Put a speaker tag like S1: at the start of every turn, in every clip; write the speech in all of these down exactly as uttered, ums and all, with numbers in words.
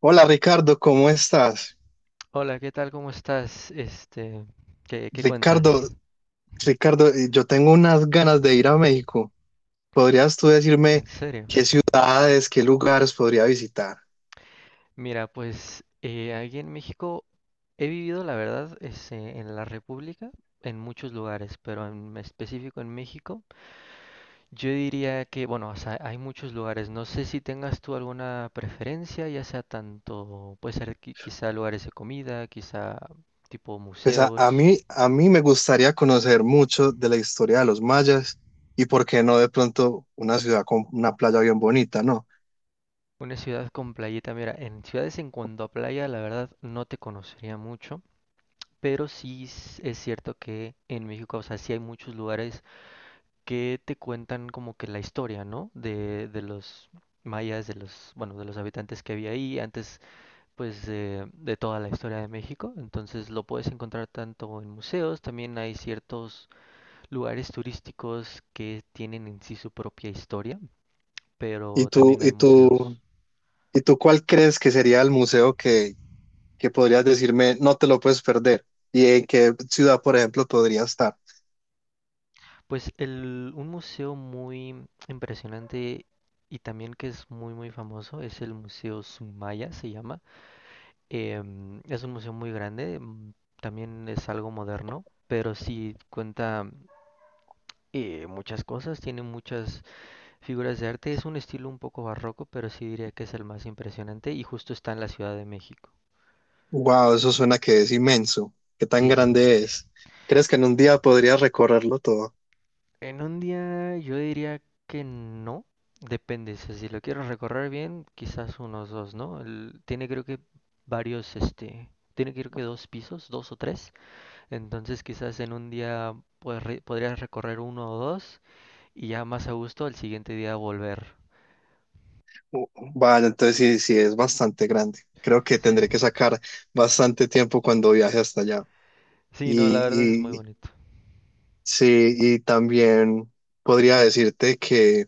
S1: Hola Ricardo, ¿cómo estás?
S2: Hola, ¿qué tal? ¿Cómo estás? Este, ¿qué, qué cuentas?
S1: Ricardo, Ricardo, eh, yo tengo unas ganas de ir a México. ¿Podrías tú decirme
S2: ¿En serio?
S1: qué ciudades, qué lugares podría visitar?
S2: Mira, pues eh, aquí en México he vivido, la verdad, este, en la República, en muchos lugares, pero en específico en México, yo diría que, bueno, o sea, hay muchos lugares. No sé si tengas tú alguna preferencia, ya sea tanto, puede ser qui- quizá lugares de comida, quizá tipo
S1: Pues a, a
S2: museos.
S1: mí, a mí me gustaría conocer mucho de la historia de los mayas y por qué no de pronto una ciudad con una playa bien bonita, ¿no?
S2: Una ciudad con playita, mira, en ciudades en cuanto a playa, la verdad no te conocería mucho. Pero sí s- es cierto que en México, o sea, sí hay muchos lugares que te cuentan como que la historia, ¿no? De, de los mayas, de los, bueno, de los habitantes que había ahí antes, pues, de, de toda la historia de México. Entonces lo puedes encontrar tanto en museos, también hay ciertos lugares turísticos que tienen en sí su propia historia,
S1: ¿Y
S2: pero
S1: tú,
S2: también hay
S1: y tú,
S2: museos.
S1: y tú cuál crees que sería el museo que, que podrías decirme no te lo puedes perder? ¿Y en qué ciudad, por ejemplo, podría estar?
S2: Pues el, un museo muy impresionante y también que es muy muy famoso es el Museo Sumaya, se llama. Em, es un museo muy grande, mm, también es algo moderno, pero sí cuenta eh, muchas cosas, tiene muchas figuras de arte, es un estilo un poco barroco, pero sí diría que es el más impresionante y justo está en la Ciudad de México.
S1: Wow, eso suena que es inmenso. ¿Qué tan
S2: Sí, sí.
S1: grande es? ¿Crees que en un día podría recorrerlo todo?
S2: En un día yo diría que no, depende, o sea, si lo quiero recorrer bien, quizás unos dos, ¿no? El- tiene creo que varios, este, tiene creo que dos pisos, dos o tres, entonces quizás en un día pues, re- podrías recorrer uno o dos y ya más a gusto al siguiente día volver.
S1: Uh, Vale, entonces sí, sí es bastante grande. Creo que
S2: Sí,
S1: tendré que sacar bastante tiempo cuando viaje hasta allá.
S2: sí, no, la verdad es muy
S1: Y, y
S2: bonito.
S1: sí, y también podría decirte que,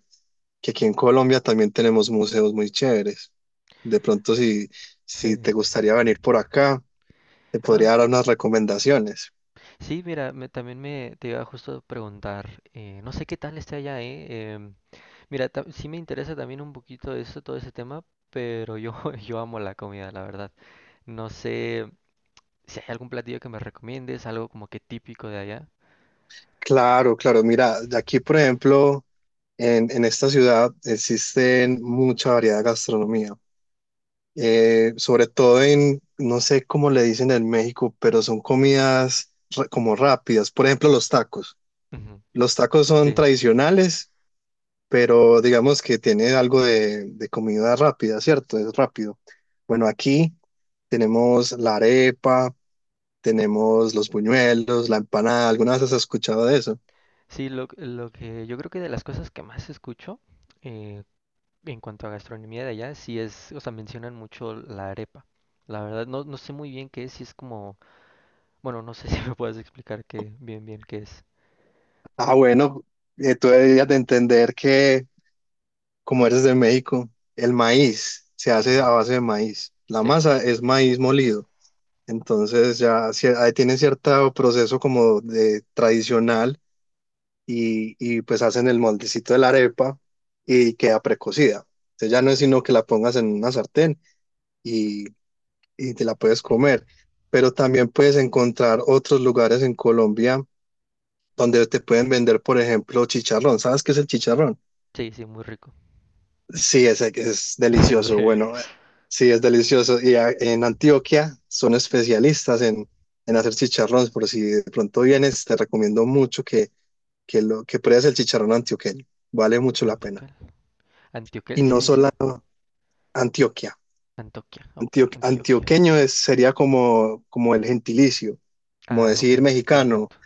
S1: que aquí en Colombia también tenemos museos muy chéveres. De pronto, si, si
S2: Sí.
S1: te gustaría venir por acá, te
S2: No,
S1: podría
S2: s-
S1: dar unas recomendaciones.
S2: sí, mira, me- también me te iba justo a preguntar, ¿eh? No sé qué tal esté allá, ¿eh? em, Mira, ta- sí me interesa también un poquito eso, todo ese tema, pero yo, yo amo la comida, la verdad. No sé si hay algún platillo que me recomiendes, algo como que típico de allá.
S1: Claro, claro. Mira, de aquí, por ejemplo. En, en esta ciudad existen mucha variedad de gastronomía, eh, sobre todo en, no sé cómo le dicen en México, pero son comidas ra- como rápidas. Por ejemplo, los tacos.
S2: Ujú.
S1: Los tacos son
S2: Sí,
S1: tradicionales, pero digamos que tiene algo de, de comida rápida, ¿cierto? Es rápido. Bueno, aquí tenemos la arepa, tenemos los buñuelos, la empanada. ¿Alguna vez has escuchado de eso?
S2: sí, lo, lo que yo creo que de las cosas que más escucho eh, en cuanto a gastronomía de allá, sí es, o sea, mencionan mucho la arepa. La verdad, no, no sé muy bien qué es, si es como, bueno, no sé si me puedes explicar qué, bien, bien qué es.
S1: Ah, bueno, eh, tú deberías de entender que como eres de México, el maíz se hace
S2: Ujú.
S1: a base de maíz. La
S2: Sí,
S1: masa es maíz molido. Entonces ya cier- ahí tiene cierto proceso como de tradicional y, y pues hacen el moldecito de la arepa y queda precocida. Entonces ya no es sino que la pongas en una sartén y, y te la puedes comer. Pero también puedes encontrar otros lugares en Colombia donde te pueden vender, por ejemplo, chicharrón. ¿Sabes qué es el chicharrón?
S2: sí, sí, muy rico.
S1: Sí, ese que es delicioso.
S2: Sí.
S1: Bueno, eh, sí, es delicioso. Y a- en Antioquia son especialistas en, en hacer chicharrones. Por si de pronto vienes, te recomiendo mucho que, que, lo, que pruebes el chicharrón antioqueño. Vale mucho la pena.
S2: Antioquel.
S1: Y
S2: ¿Antioquel se
S1: no
S2: dice?
S1: solo Antioquia.
S2: Antoquia, ok,
S1: Antio-
S2: Antioquia.
S1: antioqueño es, sería como, como el gentilicio, como
S2: Ah, ok,
S1: decir mexicano.
S2: perfecto.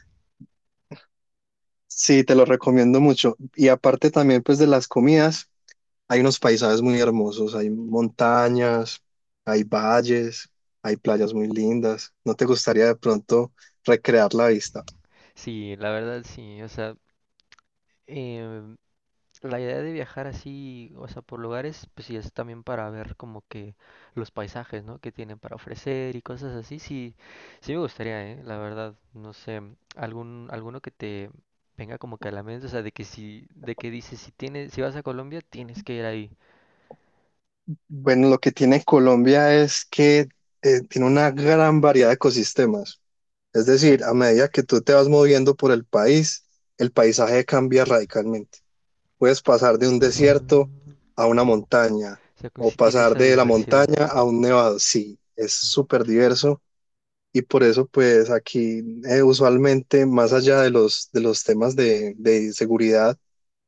S1: Sí, te lo recomiendo mucho. Y aparte también pues de las comidas. Hay unos paisajes muy hermosos, hay montañas, hay valles, hay playas muy lindas. ¿No te gustaría de pronto recrear la vista?
S2: Sí, la verdad sí, o sea, em, la idea de viajar así, o sea, por lugares, pues sí es también para ver como que los paisajes, ¿no? Que tienen para ofrecer y cosas así, sí, sí me gustaría, ¿eh? La verdad, no sé, algún, alguno que te venga como que a la mente, o sea, de que si, de que dices, si tienes, si vas a Colombia, tienes que ir ahí.
S1: Bueno, lo que tiene Colombia es que eh, tiene una gran variedad de ecosistemas. Es
S2: Ok.
S1: decir, a medida que tú te vas moviendo por el país, el paisaje cambia radicalmente. Puedes pasar de un desierto
S2: Ah,
S1: a una montaña
S2: o sea, que
S1: o
S2: sí tiene
S1: pasar
S2: esa
S1: de la
S2: diversidad.
S1: montaña a un nevado. Sí, es súper diverso. Y por eso, pues aquí eh, usualmente, más allá de los, de los temas de, de seguridad,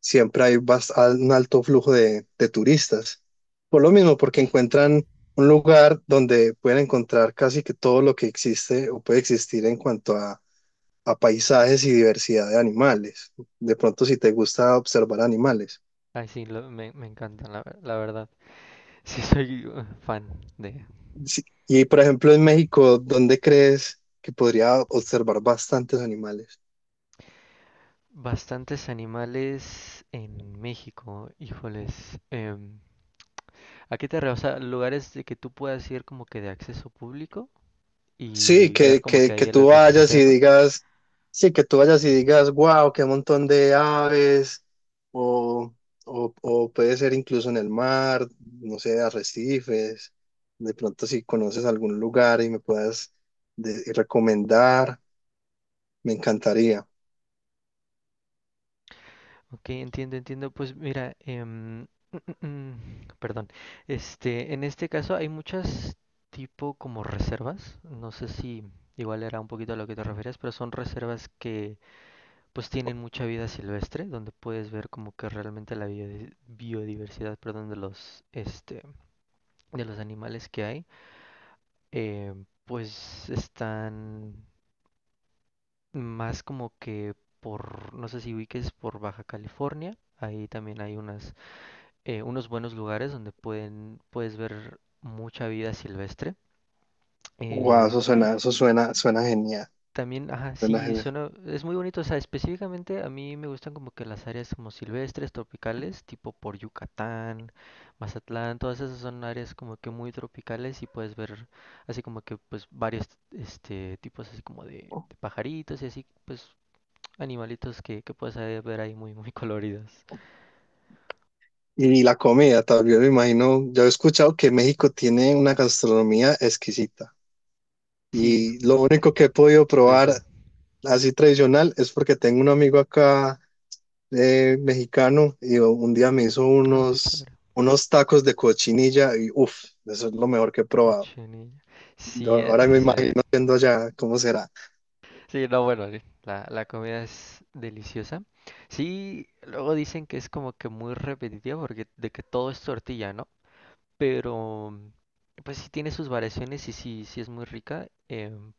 S1: siempre hay bas- al- un alto flujo de, de turistas. Por lo mismo, porque
S2: Sí, sí.
S1: encuentran un lugar donde pueden encontrar casi que todo lo que existe o puede existir en cuanto a, a paisajes y diversidad de animales. De pronto, si te gusta observar animales.
S2: Ay, sí, lo- me, me encantan, la, ver- la verdad. Sí, soy uh, fan de
S1: Sí. Y por ejemplo, en México, ¿dónde crees que podría observar bastantes animales?
S2: bastantes animales en México, híjoles. Em, ¿a qué te refieres? O sea, lugares de que tú puedas ir como que de acceso público
S1: Sí,
S2: y ver
S1: que,
S2: como que
S1: que, que
S2: ahí el
S1: tú vayas y
S2: ecosistema.
S1: digas, sí, que tú vayas y digas, wow, qué montón de aves, o, o, o puede ser incluso en el mar, no sé, arrecifes, de pronto si conoces algún lugar y me puedas de- recomendar, me encantaría.
S2: Ok, entiendo, entiendo. Pues mira, em, perdón. Este, en este caso hay muchas tipo como reservas. No sé si igual era un poquito a lo que te refieres, pero son reservas que pues tienen mucha vida silvestre, donde puedes ver como que realmente la biodi- biodiversidad, perdón, de los, este, de los animales que hay, eh, pues están más como que por, no sé si ubiques por Baja California, ahí también hay unas, eh, unos buenos lugares donde pueden, puedes ver mucha vida silvestre.
S1: Wow,
S2: eh,
S1: eso suena, eso suena, suena genial,
S2: También, ajá,
S1: suena
S2: sí,
S1: genial.
S2: suena, es muy bonito, o sea, específicamente a mí me gustan como que las áreas como silvestres, tropicales, tipo por Yucatán, Mazatlán, todas esas son áreas como que muy tropicales y puedes ver así como que pues varios este tipos así como de, de pajaritos y así pues animalitos que, que puedes ahí ver ahí muy muy coloridos.
S1: Y la comida, también me imagino, yo he escuchado que México tiene una gastronomía exquisita.
S2: Sí,
S1: Y lo único que he podido
S2: sí,
S1: probar
S2: sí.
S1: así tradicional es porque tengo un amigo acá eh, mexicano y un día me hizo
S2: Ah, qué
S1: unos,
S2: chévere.
S1: unos tacos de cochinilla y uff, eso es lo mejor que he probado.
S2: Cochinilla.
S1: Yo
S2: Sí, eh,
S1: ahora
S2: ah,
S1: me
S2: sí.
S1: imagino viendo allá cómo será.
S2: Sí, no, bueno, sí, la, la comida es deliciosa. Sí, luego dicen que es como que muy repetitiva porque de que todo es tortilla, ¿no? Pero pues sí tiene sus variaciones y sí, sí es muy rica. em,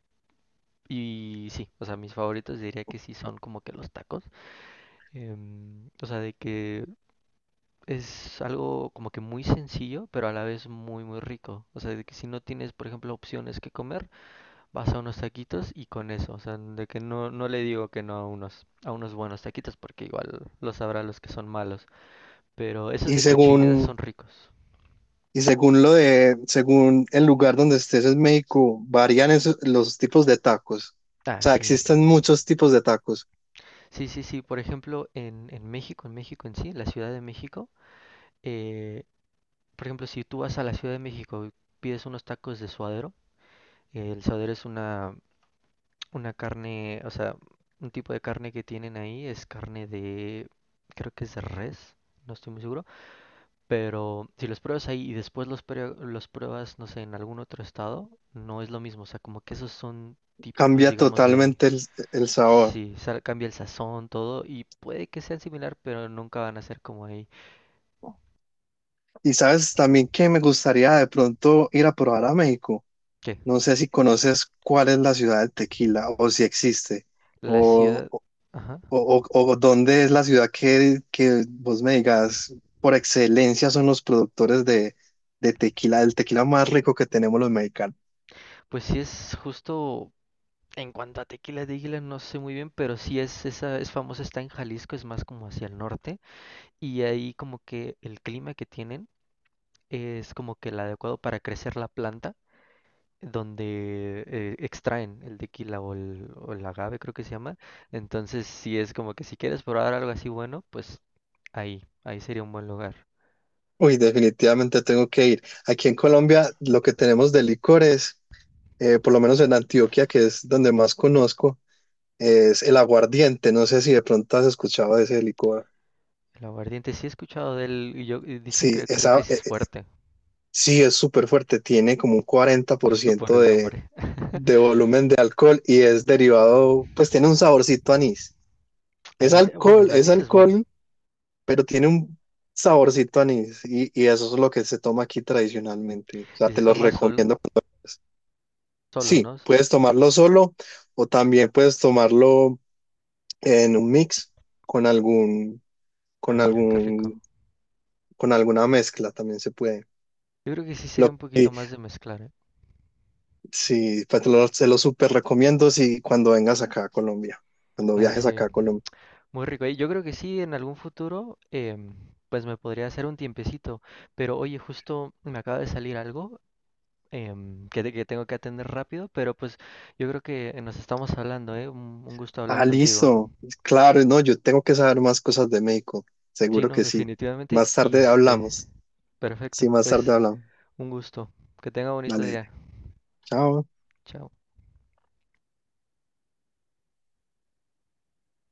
S2: Y sí, o sea, mis favoritos diría que sí son como que los tacos. Em, o sea, de que es algo como que muy sencillo, pero a la vez muy, muy rico. O sea, de que si no tienes, por ejemplo, opciones que comer, vas a unos taquitos y con eso, o sea, de que no, no le digo que no a unos, a unos buenos taquitos, porque igual los sabrá los que son malos. Pero esos
S1: Y
S2: de cochinita son
S1: según,
S2: ricos.
S1: y según lo de, según el lugar donde estés en México, varían esos- los tipos de tacos.
S2: Ah,
S1: O sea,
S2: sí.
S1: existen muchos tipos de tacos.
S2: Sí, sí, sí. Por ejemplo, en, en México, en México en sí, la Ciudad de México, eh, por ejemplo, si tú vas a la Ciudad de México y pides unos tacos de suadero, eh, el suadero es una, una carne, o sea, un tipo de carne que tienen ahí, es carne de, creo que es de res, no estoy muy seguro. Pero si los pruebas ahí y después los, prue- los pruebas, no sé, en algún otro estado, no es lo mismo. O sea, como que esos son típicos,
S1: Cambia
S2: digamos, de ahí.
S1: totalmente el, el sabor.
S2: Sí, sa- cambia el sazón, todo, y puede que sean similar, pero nunca van a ser como ahí.
S1: Y sabes también que me gustaría de pronto ir a probar a México.
S2: ¿Qué?
S1: No sé si conoces cuál es la ciudad del tequila o si existe
S2: La
S1: o,
S2: ciudad...
S1: o,
S2: Ajá.
S1: o- o dónde es la ciudad que, que vos me digas por excelencia son los productores de, de tequila, el tequila más rico que tenemos los mexicanos.
S2: Pues sí es justo... En cuanto a Tequila de Águila, no sé muy bien, pero sí es esa, es famosa, está en Jalisco, es más como hacia el norte, y ahí como que el clima que tienen es como que el adecuado para crecer la planta, donde eh, extraen el tequila o el, o el agave, creo que se llama. Entonces, si es como que si quieres probar algo así bueno, pues ahí, ahí sería un buen lugar.
S1: Uy, definitivamente tengo que ir. Aquí en Colombia lo que tenemos de licores, eh, por lo menos en Antioquia, que es donde más conozco, es el aguardiente. No sé si de pronto has escuchado de ese licor.
S2: El aguardiente, sí he escuchado de él y yo y dicen
S1: Sí,
S2: que creo que
S1: esa,
S2: sí es fuerte,
S1: Sí, es súper fuerte, tiene como un cuarenta por
S2: justo por
S1: ciento
S2: el
S1: de,
S2: nombre.
S1: de volumen de alcohol y es
S2: Sí.
S1: derivado, pues tiene un saborcito a anís. Es
S2: Anís, eh, bueno,
S1: alcohol,
S2: el
S1: es
S2: anís es bueno.
S1: alcohol, pero tiene un saborcito a anís y, y eso es lo que se toma aquí tradicionalmente. O sea,
S2: Y
S1: te
S2: se
S1: lo
S2: toma solo,
S1: recomiendo.
S2: solo,
S1: Sí,
S2: ¿no?
S1: puedes tomarlo solo o también puedes tomarlo en un mix con algún,
S2: Ah,
S1: con
S2: mira, qué rico.
S1: algún, con alguna mezcla, también se puede.
S2: Yo creo que sí sería
S1: Lo
S2: un poquito más de mezclar, ¿eh?
S1: Sí, pues te lo, se lo súper recomiendo si cuando vengas acá a Colombia, cuando
S2: Ah,
S1: viajes
S2: sí.
S1: acá a Colombia.
S2: Muy rico. eh, Yo creo que sí, en algún futuro, em, pues me podría hacer un tiempecito. Pero oye, justo me acaba de salir algo em, que, te- que tengo que atender rápido, pero pues yo creo que nos estamos hablando, ¿eh? Un, un gusto hablar
S1: Ah,
S2: contigo.
S1: listo. Claro, no, yo tengo que saber más cosas de México.
S2: Sí,
S1: Seguro
S2: no,
S1: que sí.
S2: definitivamente.
S1: Más
S2: Y
S1: tarde
S2: este,
S1: hablamos. Sí,
S2: perfecto.
S1: más tarde
S2: Pues
S1: hablamos.
S2: un gusto. Que tenga bonito
S1: Dale,
S2: día.
S1: chao.
S2: Chao.